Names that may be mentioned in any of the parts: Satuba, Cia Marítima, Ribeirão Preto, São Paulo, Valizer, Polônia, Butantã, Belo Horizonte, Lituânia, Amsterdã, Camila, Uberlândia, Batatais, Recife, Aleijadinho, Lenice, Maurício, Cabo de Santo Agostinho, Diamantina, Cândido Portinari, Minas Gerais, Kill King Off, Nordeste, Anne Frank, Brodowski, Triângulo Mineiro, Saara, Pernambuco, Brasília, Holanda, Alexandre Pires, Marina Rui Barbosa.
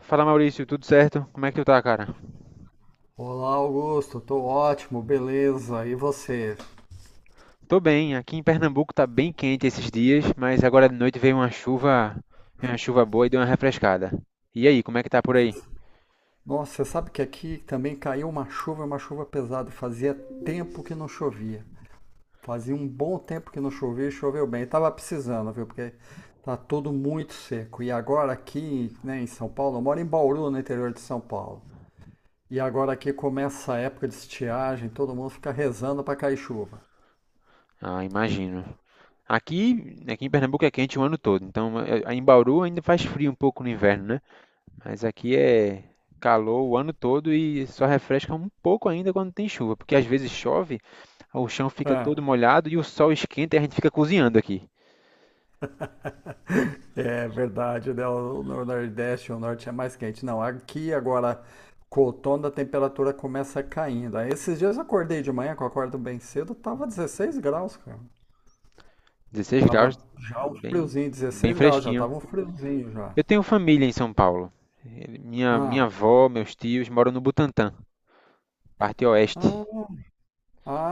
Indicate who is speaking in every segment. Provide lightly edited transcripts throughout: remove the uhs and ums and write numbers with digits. Speaker 1: Fala Maurício, tudo certo? Como é que tu tá, cara?
Speaker 2: Olá, Augusto, tô ótimo, beleza. E você?
Speaker 1: Tô bem, aqui em Pernambuco tá bem quente esses dias, mas agora de noite veio uma chuva boa e deu uma refrescada. E aí, como é que tá por aí?
Speaker 2: Nossa, você sabe que aqui também caiu uma chuva pesada. Fazia tempo que não chovia. Fazia um bom tempo que não chovia e choveu bem. Tava precisando, viu? Porque tá tudo muito seco. E agora aqui, né, em São Paulo, eu moro em Bauru, no interior de São Paulo. E agora aqui começa a época de estiagem, todo mundo fica rezando pra cair chuva.
Speaker 1: Ah, imagino. Aqui em Pernambuco é quente o ano todo, então em Bauru ainda faz frio um pouco no inverno, né? Mas aqui é calor o ano todo e só refresca um pouco ainda quando tem chuva, porque às vezes chove, o chão fica
Speaker 2: É.
Speaker 1: todo molhado e o sol esquenta e a gente fica cozinhando aqui.
Speaker 2: É verdade, né? O Nordeste, o Norte é mais quente. Não, aqui agora, com o outono, a temperatura começa caindo. Aí esses dias eu acordei de manhã, que eu acordo bem cedo, tava 16 graus, cara.
Speaker 1: 16 graus,
Speaker 2: Tava já um
Speaker 1: bem,
Speaker 2: friozinho,
Speaker 1: bem
Speaker 2: 16 graus, já
Speaker 1: fresquinho.
Speaker 2: tava um friozinho já.
Speaker 1: Eu tenho família em São Paulo. Minha
Speaker 2: Ah,
Speaker 1: avó, meus tios moram no Butantã, parte oeste.
Speaker 2: ah,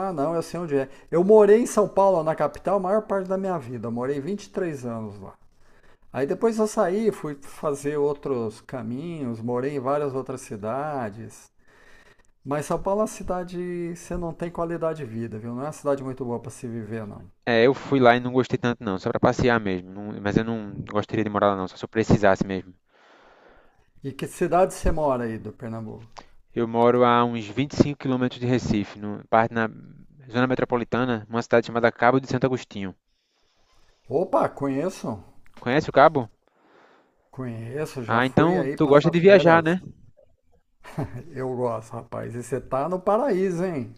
Speaker 2: ah, não, eu sei onde é. Eu morei em São Paulo, na capital, a maior parte da minha vida. Eu morei 23 anos lá. Aí depois eu saí, fui fazer outros caminhos, morei em várias outras cidades. Mas São Paulo é uma cidade, você não tem qualidade de vida, viu? Não é uma cidade muito boa para se viver, não.
Speaker 1: É, eu fui lá e não gostei tanto não, só para passear mesmo. Mas eu não gostaria de morar lá não, só se eu precisasse mesmo.
Speaker 2: E que cidade você mora aí do Pernambuco?
Speaker 1: Eu moro a uns 25 quilômetros de Recife, no, parte na zona metropolitana, numa cidade chamada Cabo de Santo Agostinho.
Speaker 2: Opa, conheço.
Speaker 1: Conhece o Cabo?
Speaker 2: Conheço, já
Speaker 1: Ah,
Speaker 2: fui
Speaker 1: então
Speaker 2: aí
Speaker 1: tu gosta
Speaker 2: passar
Speaker 1: de viajar,
Speaker 2: férias.
Speaker 1: né?
Speaker 2: Eu gosto, rapaz. E você tá no paraíso, hein?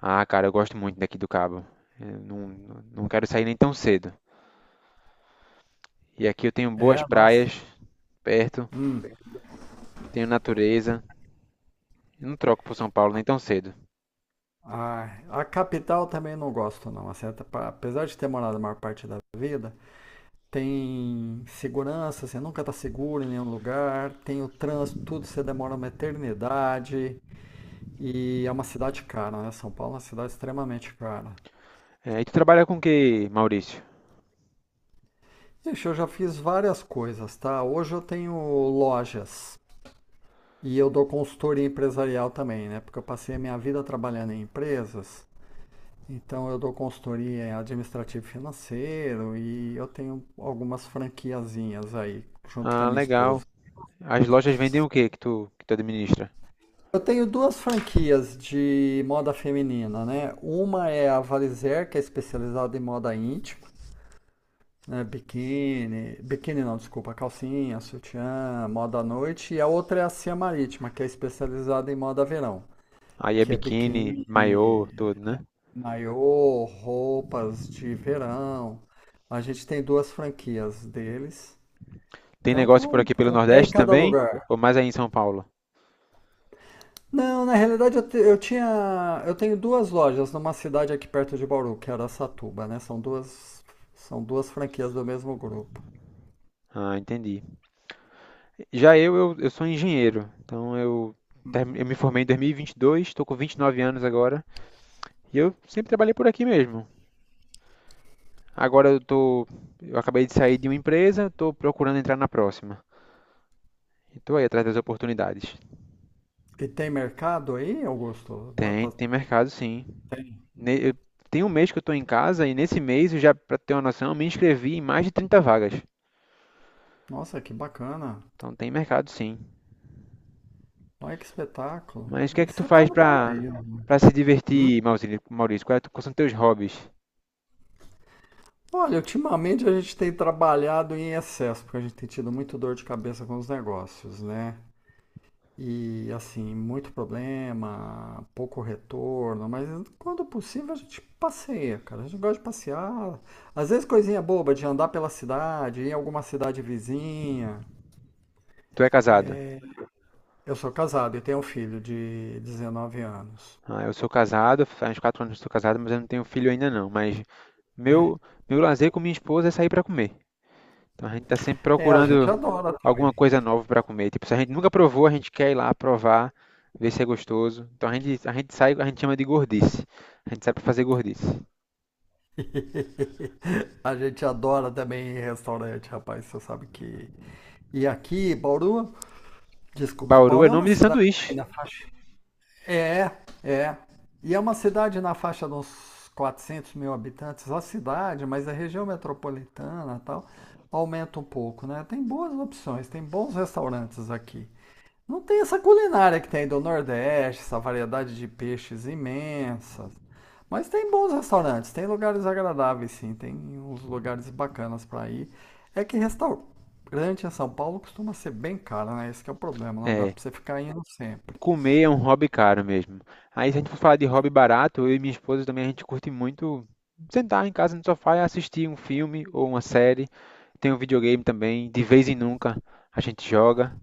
Speaker 1: Ah, cara, eu gosto muito daqui do Cabo. Eu não quero sair nem tão cedo. E aqui eu tenho boas
Speaker 2: É, nossa.
Speaker 1: praias perto, tenho natureza. Eu não troco pro São Paulo nem tão cedo.
Speaker 2: Ah, a capital também não gosto, não. Assim, até apesar de ter morado a maior parte da vida, tem segurança, você nunca tá seguro em nenhum lugar, tem o trânsito, tudo, você demora uma eternidade. E é uma cidade cara, né? São Paulo é uma cidade extremamente cara.
Speaker 1: É, e tu trabalha com o que, Maurício?
Speaker 2: Ixi, eu já fiz várias coisas, tá? Hoje eu tenho lojas e eu dou consultoria empresarial também, né? Porque eu passei a minha vida trabalhando em empresas, então eu dou consultoria em administrativo e financeiro e eu tenho algumas franquiazinhas aí, junto com a
Speaker 1: Ah,
Speaker 2: minha
Speaker 1: legal.
Speaker 2: esposa.
Speaker 1: As lojas vendem o que que tu administra?
Speaker 2: Eu tenho duas franquias de moda feminina, né? Uma é a Valizer, que é especializada em moda íntima. É, biquíni, biquíni não, desculpa, calcinha, sutiã, moda à noite, e a outra é a Cia Marítima, que é especializada em moda verão,
Speaker 1: Aí é
Speaker 2: que é
Speaker 1: biquíni, maiô,
Speaker 2: biquíni,
Speaker 1: tudo, né?
Speaker 2: maiô, roupas de verão. A gente tem duas franquias deles,
Speaker 1: Tem
Speaker 2: então
Speaker 1: negócio por
Speaker 2: tô
Speaker 1: aqui pelo
Speaker 2: com o pé em
Speaker 1: Nordeste
Speaker 2: cada
Speaker 1: também?
Speaker 2: lugar.
Speaker 1: Ou mais aí em São Paulo?
Speaker 2: Não, na realidade eu, te- eu tinha, eu tenho duas lojas numa cidade aqui perto de Bauru, que era Satuba, né? São duas franquias do mesmo grupo.
Speaker 1: Ah, entendi. Já eu sou engenheiro. Então eu me formei em 2022, estou com 29 anos agora. E eu sempre trabalhei por aqui mesmo. Agora eu acabei de sair de uma empresa, estou procurando entrar na próxima. E tô aí atrás das oportunidades.
Speaker 2: E tem mercado aí, Augusto? Dá
Speaker 1: Tem,
Speaker 2: pra.
Speaker 1: tem mercado sim. Ne- eu- Tem um mês que eu estou em casa e nesse mês eu já, para ter uma noção, eu me inscrevi em mais de 30 vagas.
Speaker 2: Nossa, que bacana.
Speaker 1: Então tem mercado sim.
Speaker 2: Olha que espetáculo.
Speaker 1: Mas o que é
Speaker 2: E
Speaker 1: que tu
Speaker 2: você está
Speaker 1: faz
Speaker 2: no
Speaker 1: para
Speaker 2: paraíso, né?
Speaker 1: para se
Speaker 2: Hum?
Speaker 1: divertir, Maurício? Maurício, qual é quais são teus hobbies?
Speaker 2: Olha, ultimamente a gente tem trabalhado em excesso, porque a gente tem tido muito dor de cabeça com os negócios, né? E assim, muito problema, pouco retorno, mas quando possível a gente passeia, cara. A gente gosta de passear. Às vezes coisinha boba de andar pela cidade, ir em alguma cidade vizinha.
Speaker 1: Tu é casado?
Speaker 2: Eu sou casado e tenho um filho de 19 anos.
Speaker 1: Ah, eu sou casado, faz uns 4 anos que eu sou casado, mas eu não tenho filho ainda não. Mas meu meu lazer com minha esposa é sair para comer. Então a gente está sempre
Speaker 2: É, a gente
Speaker 1: procurando
Speaker 2: adora
Speaker 1: alguma
Speaker 2: também.
Speaker 1: coisa nova para comer. Tipo, se a gente nunca provou, a gente quer ir lá provar, ver se é gostoso. Então a gente sai, a gente chama de gordice. A gente sai para fazer gordice.
Speaker 2: A gente adora também ir em restaurante, rapaz. Você sabe que. E aqui, Bauru, desculpa,
Speaker 1: Bauru é
Speaker 2: Bauru é uma
Speaker 1: nome de
Speaker 2: cidade aí
Speaker 1: sanduíche.
Speaker 2: na faixa. É, é. E é uma cidade na faixa de uns 400 mil habitantes, a cidade, mas a região metropolitana e tal, aumenta um pouco, né? Tem boas opções, tem bons restaurantes aqui. Não tem essa culinária que tem aí do Nordeste, essa variedade de peixes imensas. Mas tem bons restaurantes, tem lugares agradáveis, sim, tem uns lugares bacanas para ir. É que restaurante em São Paulo costuma ser bem caro, né? Esse que é o problema, não dá
Speaker 1: É,
Speaker 2: para você ficar indo sempre.
Speaker 1: comer é um hobby caro mesmo. Aí, se a gente for falar de hobby barato, eu e minha esposa também, a gente curte muito sentar em casa no sofá e assistir um filme ou uma série. Tem um videogame também, de vez em nunca a gente joga.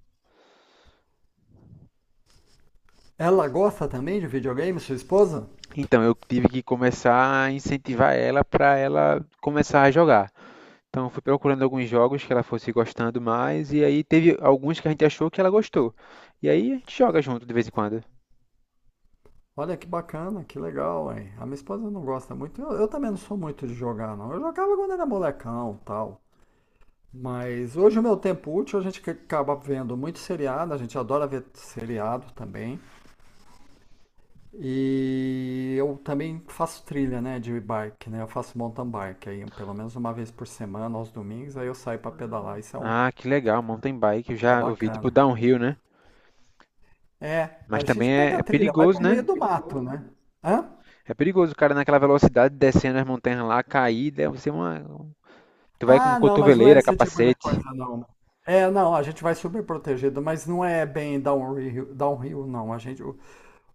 Speaker 2: Ela gosta também de videogame, sua esposa?
Speaker 1: Então, eu tive que começar a incentivar ela para ela começar a jogar. Então, eu fui procurando alguns jogos que ela fosse gostando mais, e aí teve alguns que a gente achou que ela gostou. E aí a gente joga junto de vez em quando.
Speaker 2: Olha que bacana, que legal, hein? A minha esposa não gosta muito. Eu também não sou muito de jogar, não. Eu jogava quando era molecão, tal. Mas hoje o meu tempo útil, a gente que acaba vendo muito seriado, a gente adora ver seriado também. E eu também faço trilha, né, de bike, né? Eu faço mountain bike aí, pelo menos uma vez por semana, aos domingos, aí eu saio pra pedalar,
Speaker 1: Ah, que legal, mountain bike, eu
Speaker 2: é
Speaker 1: já ouvi, tipo
Speaker 2: bacana.
Speaker 1: downhill, né?
Speaker 2: É,
Speaker 1: Mas
Speaker 2: a gente
Speaker 1: também é,
Speaker 2: pega a
Speaker 1: é
Speaker 2: trilha, vai
Speaker 1: perigoso,
Speaker 2: pro
Speaker 1: né?
Speaker 2: meio do mato, né? Hã?
Speaker 1: É perigoso o cara naquela velocidade descendo as montanhas lá, cair, deve ser uma. Tu vai com
Speaker 2: Ah, não, mas não é
Speaker 1: cotoveleira,
Speaker 2: esse tipo de
Speaker 1: capacete.
Speaker 2: coisa, não. É, não, a gente vai super protegido, mas não é bem downhill, downhill, não.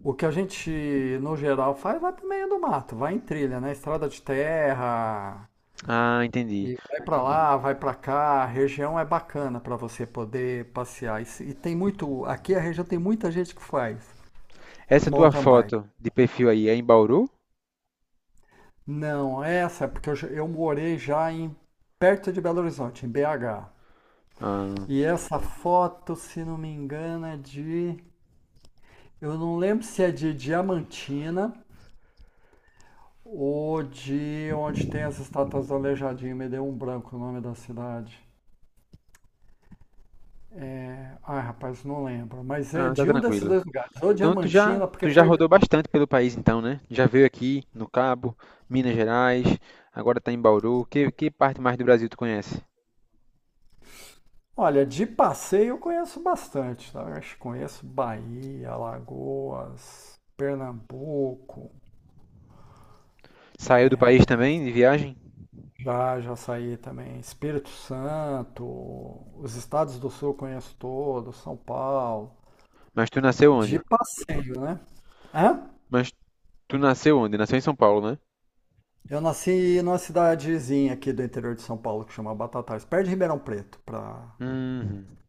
Speaker 2: O que a gente, no geral, faz vai pro meio do mato, vai em trilha, né? Estrada de terra,
Speaker 1: Ah, entendi.
Speaker 2: e vai pra lá, vai pra cá. A região é bacana pra você poder passear. E, se- e tem muito, aqui a região tem muita gente que faz
Speaker 1: Essa tua
Speaker 2: mountain bike.
Speaker 1: foto de perfil aí é em Bauru?
Speaker 2: Não, essa é porque eu morei já em perto de Belo Horizonte, em BH.
Speaker 1: Ah,
Speaker 2: E essa foto, se não me engano, eu não lembro se é de Diamantina, o de onde tem as estátuas do Aleijadinho, me deu um branco o nome da cidade. Ai, rapaz, não lembro. Mas é
Speaker 1: ah, tá
Speaker 2: de um desses
Speaker 1: tranquilo.
Speaker 2: dois lugares. Ou
Speaker 1: Então tu já,
Speaker 2: Diamantina, porque
Speaker 1: tu já
Speaker 2: foi.
Speaker 1: rodou bastante pelo país então, né? Já veio aqui no Cabo, Minas Gerais, agora tá em Bauru. Que parte mais do Brasil tu conhece?
Speaker 2: Olha, de passeio eu conheço bastante, tá? Eu acho que conheço Bahia, Alagoas, Pernambuco.
Speaker 1: Saiu do país também de viagem?
Speaker 2: Já, já saí também. Espírito Santo, os estados do Sul eu conheço todos, São Paulo.
Speaker 1: Mas tu nasceu
Speaker 2: De
Speaker 1: onde?
Speaker 2: passeio, né? Hã?
Speaker 1: Mas tu nasceu onde? Nasceu em São Paulo, né?
Speaker 2: Eu nasci numa cidadezinha aqui do interior de São Paulo que chama Batatais, perto de Ribeirão Preto, pra
Speaker 1: Hum,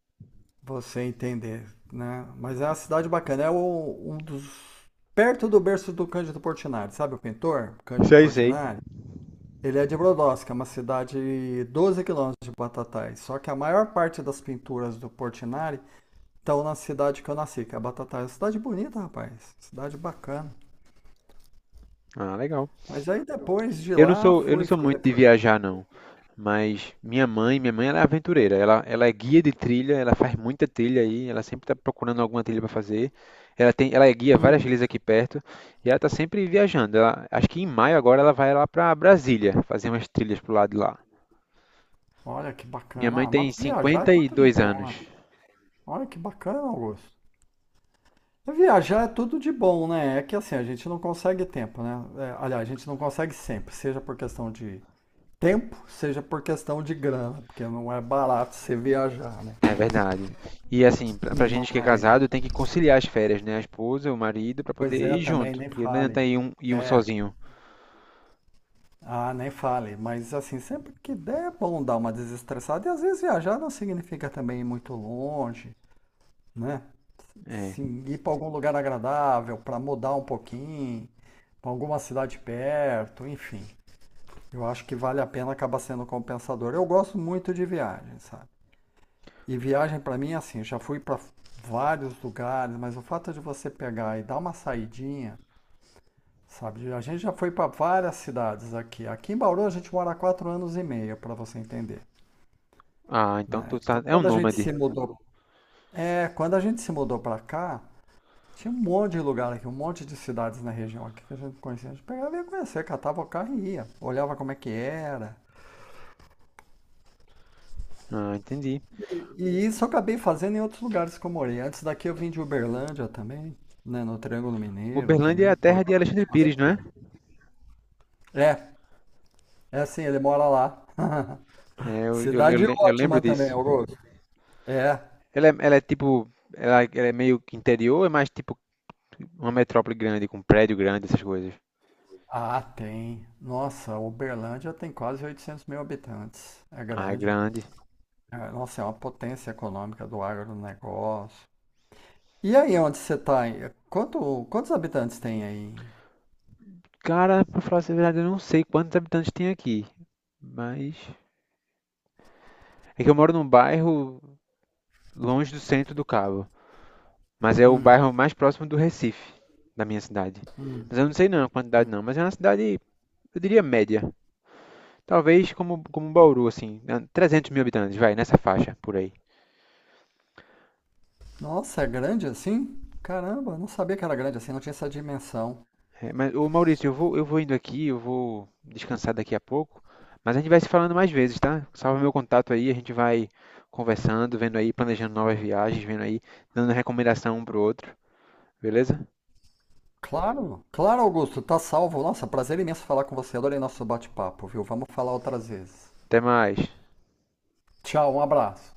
Speaker 2: você entender, né? Mas é uma cidade bacana, é o- um dos perto do berço do Cândido Portinari, sabe o pintor Cândido
Speaker 1: sei, sei.
Speaker 2: Portinari? Ele é de Brodowski, é uma cidade 12 quilômetros de Batatais. Só que a maior parte das pinturas do Portinari estão na cidade que eu nasci, que é Batatais. Cidade bonita, rapaz. Cidade bacana.
Speaker 1: Ah, legal.
Speaker 2: Mas aí depois de
Speaker 1: Eu não
Speaker 2: lá
Speaker 1: sou, eu não
Speaker 2: fui
Speaker 1: sou muito
Speaker 2: fazer.
Speaker 1: de viajar, não. Mas minha mãe ela é aventureira. Ela é guia de trilha, ela faz muita trilha aí, ela sempre está procurando alguma trilha para fazer. Ela é guia várias
Speaker 2: Hum.
Speaker 1: trilhas aqui perto e ela está sempre viajando. Acho que em maio agora ela vai lá para Brasília fazer umas trilhas pro lado de lá.
Speaker 2: Olha que
Speaker 1: Minha mãe
Speaker 2: bacana. Ah, mas
Speaker 1: tem
Speaker 2: viajar é tudo de
Speaker 1: 52
Speaker 2: bom, né?
Speaker 1: anos.
Speaker 2: Olha que bacana, Augusto. É, viajar é tudo de bom, né? É que assim, a gente não consegue tempo, né? É, aliás, a gente não consegue sempre, seja por questão de tempo, seja por questão de grana, porque não é barato você viajar, né?
Speaker 1: É verdade. E assim, pra gente que é
Speaker 2: Mas,
Speaker 1: casado, tem que conciliar as férias, né? A esposa, o marido, para poder
Speaker 2: pois é,
Speaker 1: ir
Speaker 2: também
Speaker 1: junto,
Speaker 2: nem
Speaker 1: porque não
Speaker 2: fale.
Speaker 1: adianta ir um
Speaker 2: É,
Speaker 1: sozinho.
Speaker 2: ah, nem fale. Mas assim, sempre que der é bom dar uma desestressada. E às vezes viajar não significa também ir muito longe, né?
Speaker 1: É.
Speaker 2: Sim, ir para algum lugar agradável, para mudar um pouquinho, para alguma cidade perto, enfim. Eu acho que vale a pena acabar sendo compensador. Eu gosto muito de viagem, sabe? E viagem para mim, é assim, já fui para vários lugares, mas o fato de você pegar e dar uma saidinha, sabe? A gente já foi para várias cidades aqui. Aqui em Bauru a gente mora há 4 anos e meio, para você entender,
Speaker 1: Ah, então tu
Speaker 2: né?
Speaker 1: tá...
Speaker 2: Então,
Speaker 1: é um
Speaker 2: quando a gente
Speaker 1: nômade.
Speaker 2: se mudou, é, quando a gente se mudou para cá, tinha um monte de lugar aqui, um monte de cidades na região aqui que a gente conhecia. A gente pegava e ia conhecer, catava o carro e ia. Olhava como é que era.
Speaker 1: Ah, entendi.
Speaker 2: E isso eu acabei fazendo em outros lugares que eu morei. Antes daqui eu vim de Uberlândia também, né? No Triângulo Mineiro
Speaker 1: Uberlândia é a
Speaker 2: também, por
Speaker 1: terra de
Speaker 2: lá, a
Speaker 1: Alexandre
Speaker 2: gente passa
Speaker 1: Pires, não
Speaker 2: por
Speaker 1: é?
Speaker 2: aí. É, é assim, ele mora lá.
Speaker 1: É, eu, eu, eu
Speaker 2: Cidade
Speaker 1: le- eu lembro
Speaker 2: ótima
Speaker 1: disso.
Speaker 2: também, Augusto. É.
Speaker 1: Ela é tipo, ela é meio que interior, ou é mais tipo uma metrópole grande, com prédio grande, essas coisas.
Speaker 2: Ah, tem. Nossa, Uberlândia tem quase 800 mil habitantes. É
Speaker 1: Ah, é
Speaker 2: grande.
Speaker 1: grande.
Speaker 2: É, nossa, é uma potência econômica do agronegócio. E aí onde você tá aí? Quantos habitantes tem aí?
Speaker 1: Cara, pra falar a verdade, eu não sei quantos habitantes tem aqui, mas é que eu moro num bairro longe do centro do Cabo, mas é o
Speaker 2: Hum,
Speaker 1: bairro mais próximo do Recife, da minha cidade. Mas eu não sei não a quantidade não, mas é uma cidade, eu diria média. Talvez como um Bauru, assim, né, 300 mil habitantes, vai, nessa faixa por aí.
Speaker 2: nossa, é grande assim? Caramba, não sabia que era grande assim, não tinha essa dimensão.
Speaker 1: É, mas, ô Maurício, eu vou indo aqui, eu vou descansar daqui a pouco, mas a gente vai se falando mais vezes, tá? Salva meu contato aí, a gente vai conversando, vendo aí, planejando novas viagens, vendo aí, dando recomendação um pro outro, beleza?
Speaker 2: Claro, claro, Augusto, tá salvo. Nossa, prazer imenso falar com você. Adorei nosso bate-papo, viu? Vamos falar outras vezes.
Speaker 1: Até mais.
Speaker 2: Tchau, um abraço.